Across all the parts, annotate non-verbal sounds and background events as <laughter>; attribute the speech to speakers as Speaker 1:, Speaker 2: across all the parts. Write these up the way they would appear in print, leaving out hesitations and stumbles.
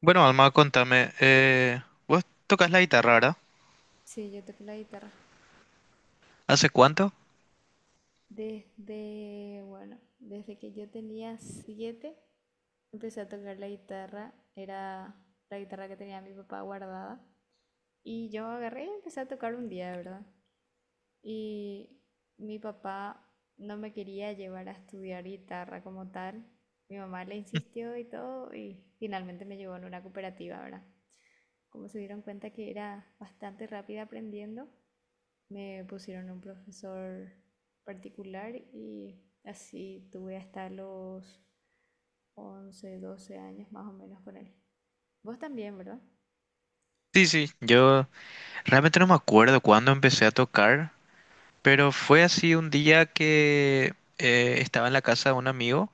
Speaker 1: Bueno, Alma, contame, vos tocas la guitarra, ¿verdad?
Speaker 2: Sí, yo toco la guitarra.
Speaker 1: ¿Hace cuánto?
Speaker 2: Desde, bueno, desde que yo tenía 7, empecé a tocar la guitarra. Era la guitarra que tenía mi papá guardada. Y yo agarré y empecé a tocar un día, ¿verdad? Y mi papá no me quería llevar a estudiar guitarra como tal. Mi mamá le insistió y todo, y finalmente me llevó en una cooperativa, ¿verdad? Como se dieron cuenta que era bastante rápida aprendiendo, me pusieron un profesor particular y así tuve hasta los 11 12 años más o menos con él. Vos también, ¿verdad?
Speaker 1: Sí, sí, yo realmente no me acuerdo cuándo empecé a tocar, pero fue así un día que estaba en la casa de un amigo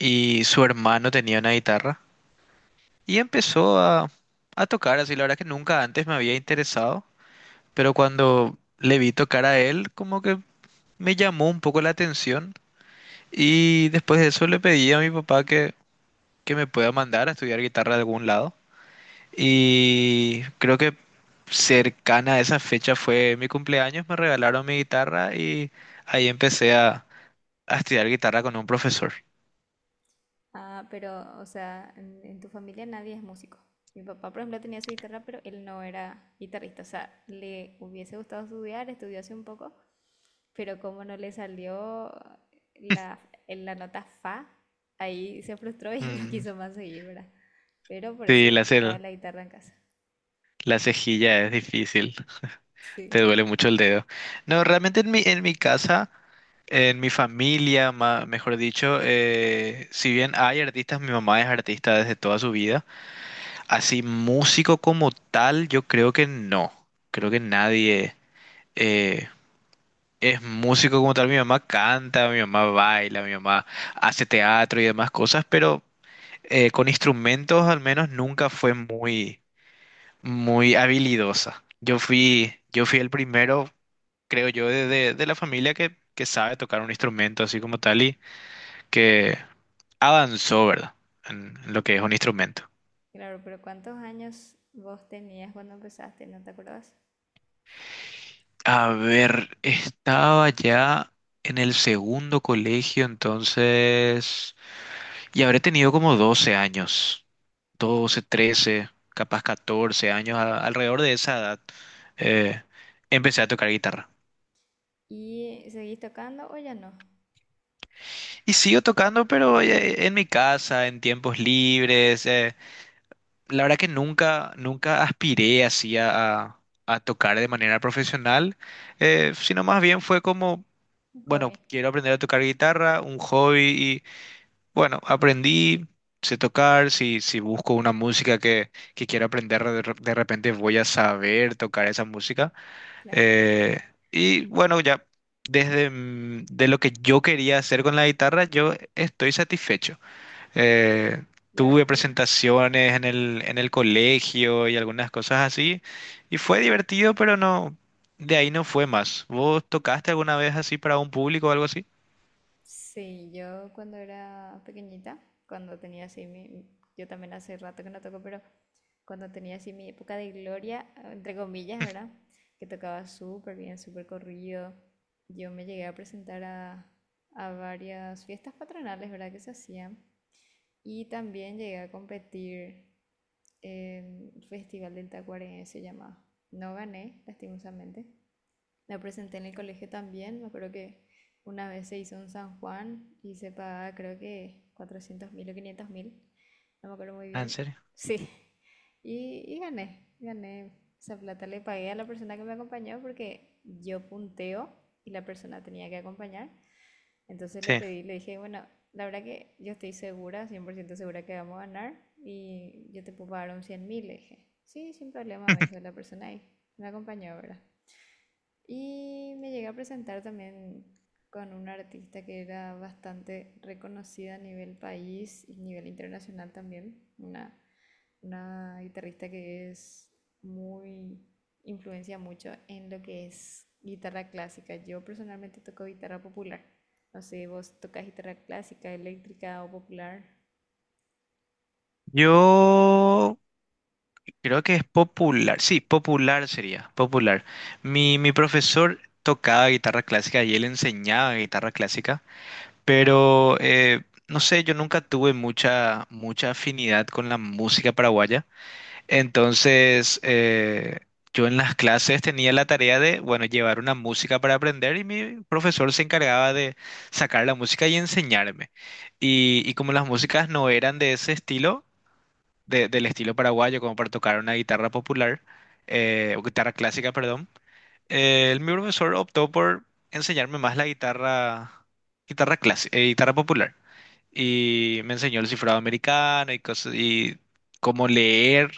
Speaker 1: y su hermano tenía una guitarra y empezó a tocar, así la verdad que nunca antes me había interesado, pero cuando le vi tocar a él, como que me llamó un poco la atención y después de eso le pedí a mi papá que me pueda mandar a estudiar guitarra de algún lado. Y creo que cercana a esa fecha fue mi cumpleaños, me regalaron mi guitarra y ahí empecé a estudiar guitarra con un profesor.
Speaker 2: Ah, pero, o sea, en tu familia nadie es músico. Mi papá, por ejemplo, tenía su guitarra, pero él no era guitarrista. O sea, le hubiese gustado estudiar, estudió hace un poco, pero como no le salió la, en la nota fa, ahí se frustró y <laughs> no
Speaker 1: Mm,
Speaker 2: quiso más seguir, ¿verdad? Pero por
Speaker 1: sí,
Speaker 2: eso
Speaker 1: la,
Speaker 2: estaba
Speaker 1: ce-
Speaker 2: la guitarra en casa.
Speaker 1: la cejilla es difícil,
Speaker 2: Sí,
Speaker 1: te duele mucho el dedo. No, realmente en mi casa, en mi familia, mejor dicho, si bien hay artistas, mi mamá es artista desde toda su vida, así músico como tal, yo creo que no, creo que nadie eh, es músico como tal. Mi mamá canta, mi mamá baila, mi mamá hace teatro y demás cosas, pero con instrumentos al menos nunca fue muy, muy habilidosa. Yo fui el primero, creo yo, de la familia que sabe tocar un instrumento así como tal y que avanzó, ¿verdad? En lo que es un instrumento.
Speaker 2: claro, pero ¿cuántos años vos tenías cuando empezaste? ¿No te acordás?
Speaker 1: A ver, estaba ya en el segundo colegio, entonces, y habré tenido como 12 años. 12, 13, capaz 14 años, alrededor de esa edad, eh, empecé a tocar guitarra.
Speaker 2: ¿Y seguís tocando o ya no?
Speaker 1: Y sigo tocando, pero en mi casa, en tiempos libres. La verdad que nunca, nunca aspiré así a tocar de manera profesional, sino más bien fue como,
Speaker 2: Un
Speaker 1: bueno,
Speaker 2: hobby,
Speaker 1: quiero aprender a tocar guitarra, un hobby, y bueno, aprendí. Sé tocar, si busco una música que quiero aprender, de repente voy a saber tocar esa música.
Speaker 2: claro.
Speaker 1: Eh, y bueno, ya de lo que yo quería hacer con la guitarra, yo estoy satisfecho. Eh,
Speaker 2: La verdad
Speaker 1: tuve
Speaker 2: que
Speaker 1: presentaciones en el colegio y algunas cosas así, y fue divertido, pero no, de ahí no fue más. ¿Vos tocaste alguna vez así para un público o algo así?
Speaker 2: sí, yo cuando era pequeñita, cuando tenía así mi... Yo también hace rato que no toco, pero cuando tenía así mi época de gloria, entre comillas, ¿verdad? Que tocaba súper bien, súper corrido. Yo me llegué a presentar a varias fiestas patronales, ¿verdad? Que se hacían. Y también llegué a competir en el Festival del Tacuarembó, se llamaba. No gané, lastimosamente. La presenté en el colegio también. Me acuerdo que una vez se hizo en San Juan y se pagaba, creo que 400.000 o 500.000. No me acuerdo muy
Speaker 1: Ah, ¿en
Speaker 2: bien.
Speaker 1: serio?
Speaker 2: Sí. Y gané, gané. Esa plata le pagué a la persona que me acompañó porque yo punteo y la persona tenía que acompañar. Entonces le
Speaker 1: Sí.
Speaker 2: pedí, le dije, bueno, la verdad que yo estoy segura, 100% segura que vamos a ganar y yo te puedo pagar un 100.000, le dije. Sí, sin problema, me dijo
Speaker 1: <laughs>
Speaker 2: la persona ahí. Me acompañó, ¿verdad? Y me llegué a presentar también con una artista que era bastante reconocida a nivel país y a nivel internacional también, una guitarrista que es muy, influencia mucho en lo que es guitarra clásica. Yo personalmente toco guitarra popular. No sé, vos tocas guitarra clásica, eléctrica o popular.
Speaker 1: Yo creo que es popular, sí, popular sería, popular. Mi profesor tocaba guitarra clásica y él enseñaba guitarra clásica. Pero no sé, yo nunca tuve mucha, mucha afinidad con la música paraguaya. Entonces, yo en las clases tenía la tarea de, bueno, llevar una música para aprender y mi profesor se encargaba de sacar la música y enseñarme. Y como las músicas no eran de ese estilo, del estilo paraguayo, como para tocar una guitarra popular, o guitarra clásica, perdón, mi profesor optó por enseñarme más la guitarra, guitarra clásica, guitarra popular y me enseñó el cifrado americano y cosas, y cómo leer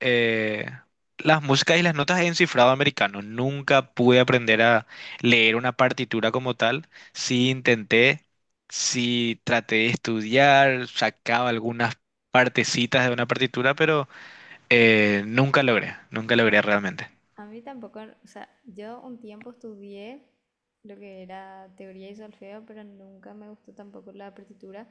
Speaker 1: eh, las músicas y las notas en cifrado americano. Nunca pude aprender a leer una partitura como tal. Sí intenté, sí traté de estudiar, sacaba algunas partecitas de una partitura, pero nunca logré, nunca logré realmente.
Speaker 2: A mí tampoco, o sea, yo un tiempo estudié lo que era teoría y solfeo, pero nunca me gustó tampoco la partitura.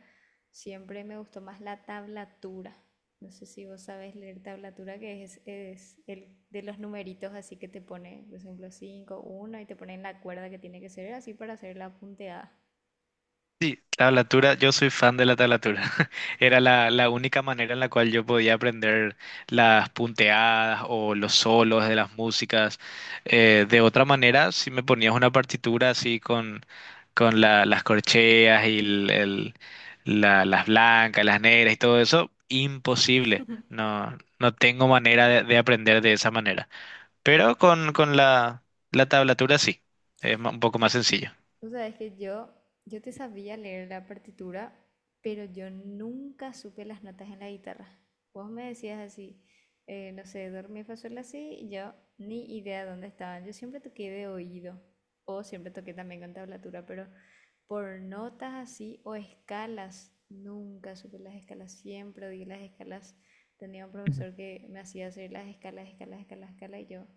Speaker 2: Siempre me gustó más la tablatura. No sé si vos sabés leer tablatura, que es el de los numeritos, así que te pone, por ejemplo, 5 1 y te pone en la cuerda que tiene que ser, así para hacer la punteada.
Speaker 1: Sí, tablatura, yo soy fan de la tablatura. Era la única manera en la cual yo podía aprender las punteadas o los solos de las músicas. De otra manera, si me ponías una partitura así con, las corcheas y las blancas, las negras y todo eso, imposible. No, no tengo manera de aprender de esa manera. Pero con la tablatura sí, es un poco más sencillo.
Speaker 2: Tú sabes que yo te sabía leer la partitura, pero yo nunca supe las notas en la guitarra. Vos me decías así, no sé, do, re, mi, fa, sol, la, si, y yo ni idea dónde estaban. Yo siempre toqué de oído, o siempre toqué también con tablatura, pero por notas así o escalas, nunca supe las escalas, siempre odié las escalas. Tenía un profesor que me hacía hacer las escalas, escalas, escalas, escalas, y yo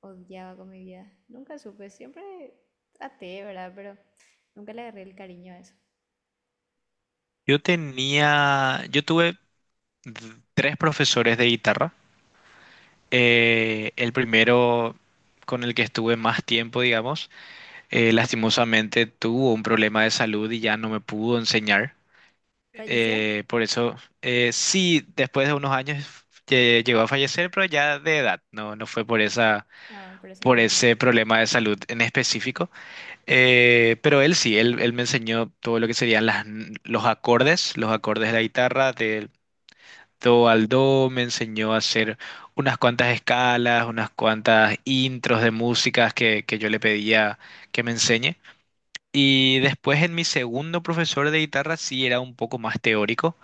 Speaker 2: odiaba con mi vida. Nunca supe, siempre a, ¿verdad? Pero nunca le agarré el cariño a eso.
Speaker 1: Yo tuve tres profesores de guitarra. El primero con el que estuve más tiempo, digamos, lastimosamente tuvo un problema de salud y ya no me pudo enseñar.
Speaker 2: ¿Falleció?
Speaker 1: Por eso, sí, después de unos años llegó a fallecer, pero ya de edad, no, no fue
Speaker 2: Ah, pero sin
Speaker 1: por
Speaker 2: inconveniente.
Speaker 1: ese problema de salud en específico. Pero él sí, él me enseñó todo lo que serían los acordes de la guitarra, de do al do, me enseñó a hacer unas cuantas escalas, unas cuantas intros de músicas que yo le pedía que me enseñe. Y después en mi segundo profesor de guitarra sí era un poco más teórico.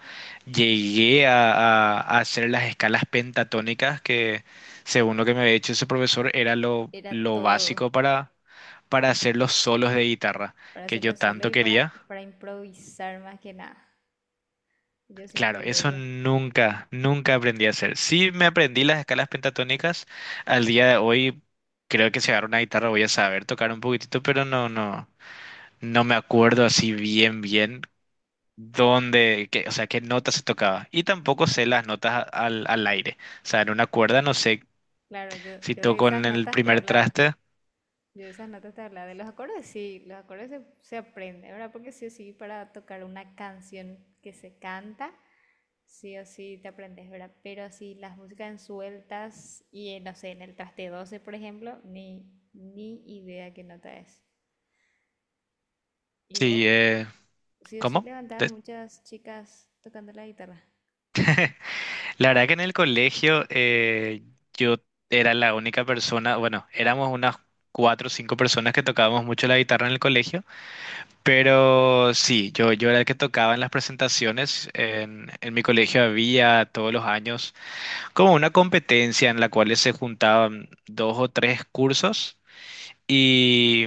Speaker 1: Llegué a hacer las escalas pentatónicas que, según lo que me había dicho ese profesor, era lo,
Speaker 2: Era
Speaker 1: lo
Speaker 2: todo
Speaker 1: básico para hacer los solos de guitarra
Speaker 2: para
Speaker 1: que yo
Speaker 2: hacerlo solo
Speaker 1: tanto
Speaker 2: y
Speaker 1: quería.
Speaker 2: para improvisar más que nada. Yo siempre
Speaker 1: Claro,
Speaker 2: odié
Speaker 1: eso
Speaker 2: eso.
Speaker 1: nunca, nunca aprendí a hacer. Sí me aprendí las escalas pentatónicas. Al día de hoy creo que si agarro una guitarra voy a saber tocar un poquitito, pero no, no, no me acuerdo así bien, bien dónde, o sea, qué notas se tocaba. Y tampoco sé las notas al aire. O sea, en una cuerda no sé
Speaker 2: Claro, yo,
Speaker 1: si
Speaker 2: yo de
Speaker 1: toco en
Speaker 2: esas
Speaker 1: el
Speaker 2: notas te
Speaker 1: primer
Speaker 2: hablaba.
Speaker 1: traste,
Speaker 2: Yo de esas notas te hablaba. De los acordes sí, los acordes se, se aprende, ¿verdad? Porque sí o sí, para tocar una canción que se canta, sí o sí te aprendes, ¿verdad? Pero así las músicas en sueltas y en, no sé, en el traste 12 por ejemplo, ni idea qué nota es. Y vos,
Speaker 1: si,
Speaker 2: sí o sí,
Speaker 1: ¿cómo?
Speaker 2: levantabas muchas chicas tocando la guitarra.
Speaker 1: La verdad que en el colegio yo era la única persona, bueno, éramos unas cuatro o cinco personas que tocábamos mucho la guitarra en el colegio, pero sí, yo era el que tocaba en las presentaciones. En mi colegio había todos los años como una competencia en la cual se juntaban dos o tres cursos y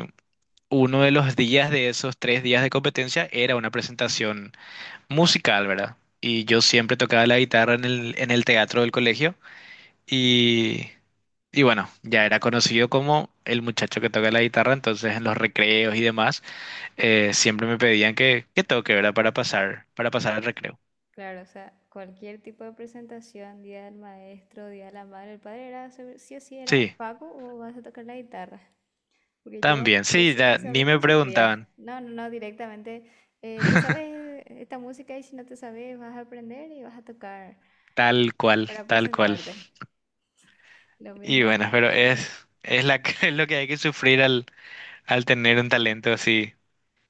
Speaker 1: uno de los días de esos 3 días de competencia era una presentación musical, ¿verdad? Y yo siempre tocaba la guitarra en el teatro del colegio. Y, y bueno, ya era conocido como el muchacho que toca la guitarra, entonces en los recreos y demás, siempre me pedían que toque, ¿verdad? Para pasar el recreo.
Speaker 2: Claro, o sea, cualquier tipo de presentación, día del maestro, día de la madre, el padre, era, sí o sí era,
Speaker 1: Sí,
Speaker 2: Paco, o vas a tocar la guitarra. Porque yo
Speaker 1: también, sí, ya
Speaker 2: esa
Speaker 1: ni me
Speaker 2: misma sufría.
Speaker 1: preguntaban,
Speaker 2: No, no, no, directamente, te sabes esta música y si no te sabes vas a aprender y vas a tocar
Speaker 1: tal cual,
Speaker 2: para
Speaker 1: tal cual.
Speaker 2: presentarte. Lo
Speaker 1: Y
Speaker 2: mismo
Speaker 1: bueno, pero
Speaker 2: me pasó.
Speaker 1: <laughs> es lo que hay que sufrir al tener un talento así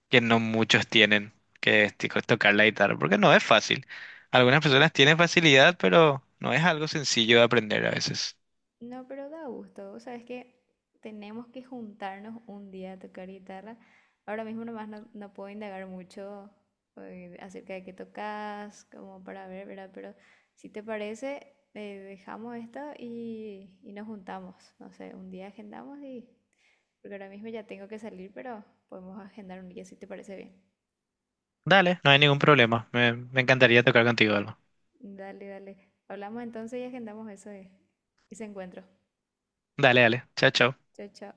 Speaker 1: que no muchos tienen, que es tipo, tocar la guitarra, porque no es fácil. Algunas personas tienen facilidad, pero no es algo sencillo de aprender a veces.
Speaker 2: No, pero da gusto. O sea, es que tenemos que juntarnos un día a tocar guitarra. Ahora mismo nomás no, no puedo indagar mucho acerca de qué tocas, como para ver, ¿verdad? Pero si te parece, dejamos esto y nos juntamos. No sé, un día agendamos y... Porque ahora mismo ya tengo que salir, pero podemos agendar un día si te parece bien.
Speaker 1: Dale, no hay ningún problema. Me encantaría tocar contigo algo.
Speaker 2: Dale, dale. Hablamos entonces y agendamos eso, ese encuentro.
Speaker 1: Dale, dale. Chao, chao.
Speaker 2: Chao, chao.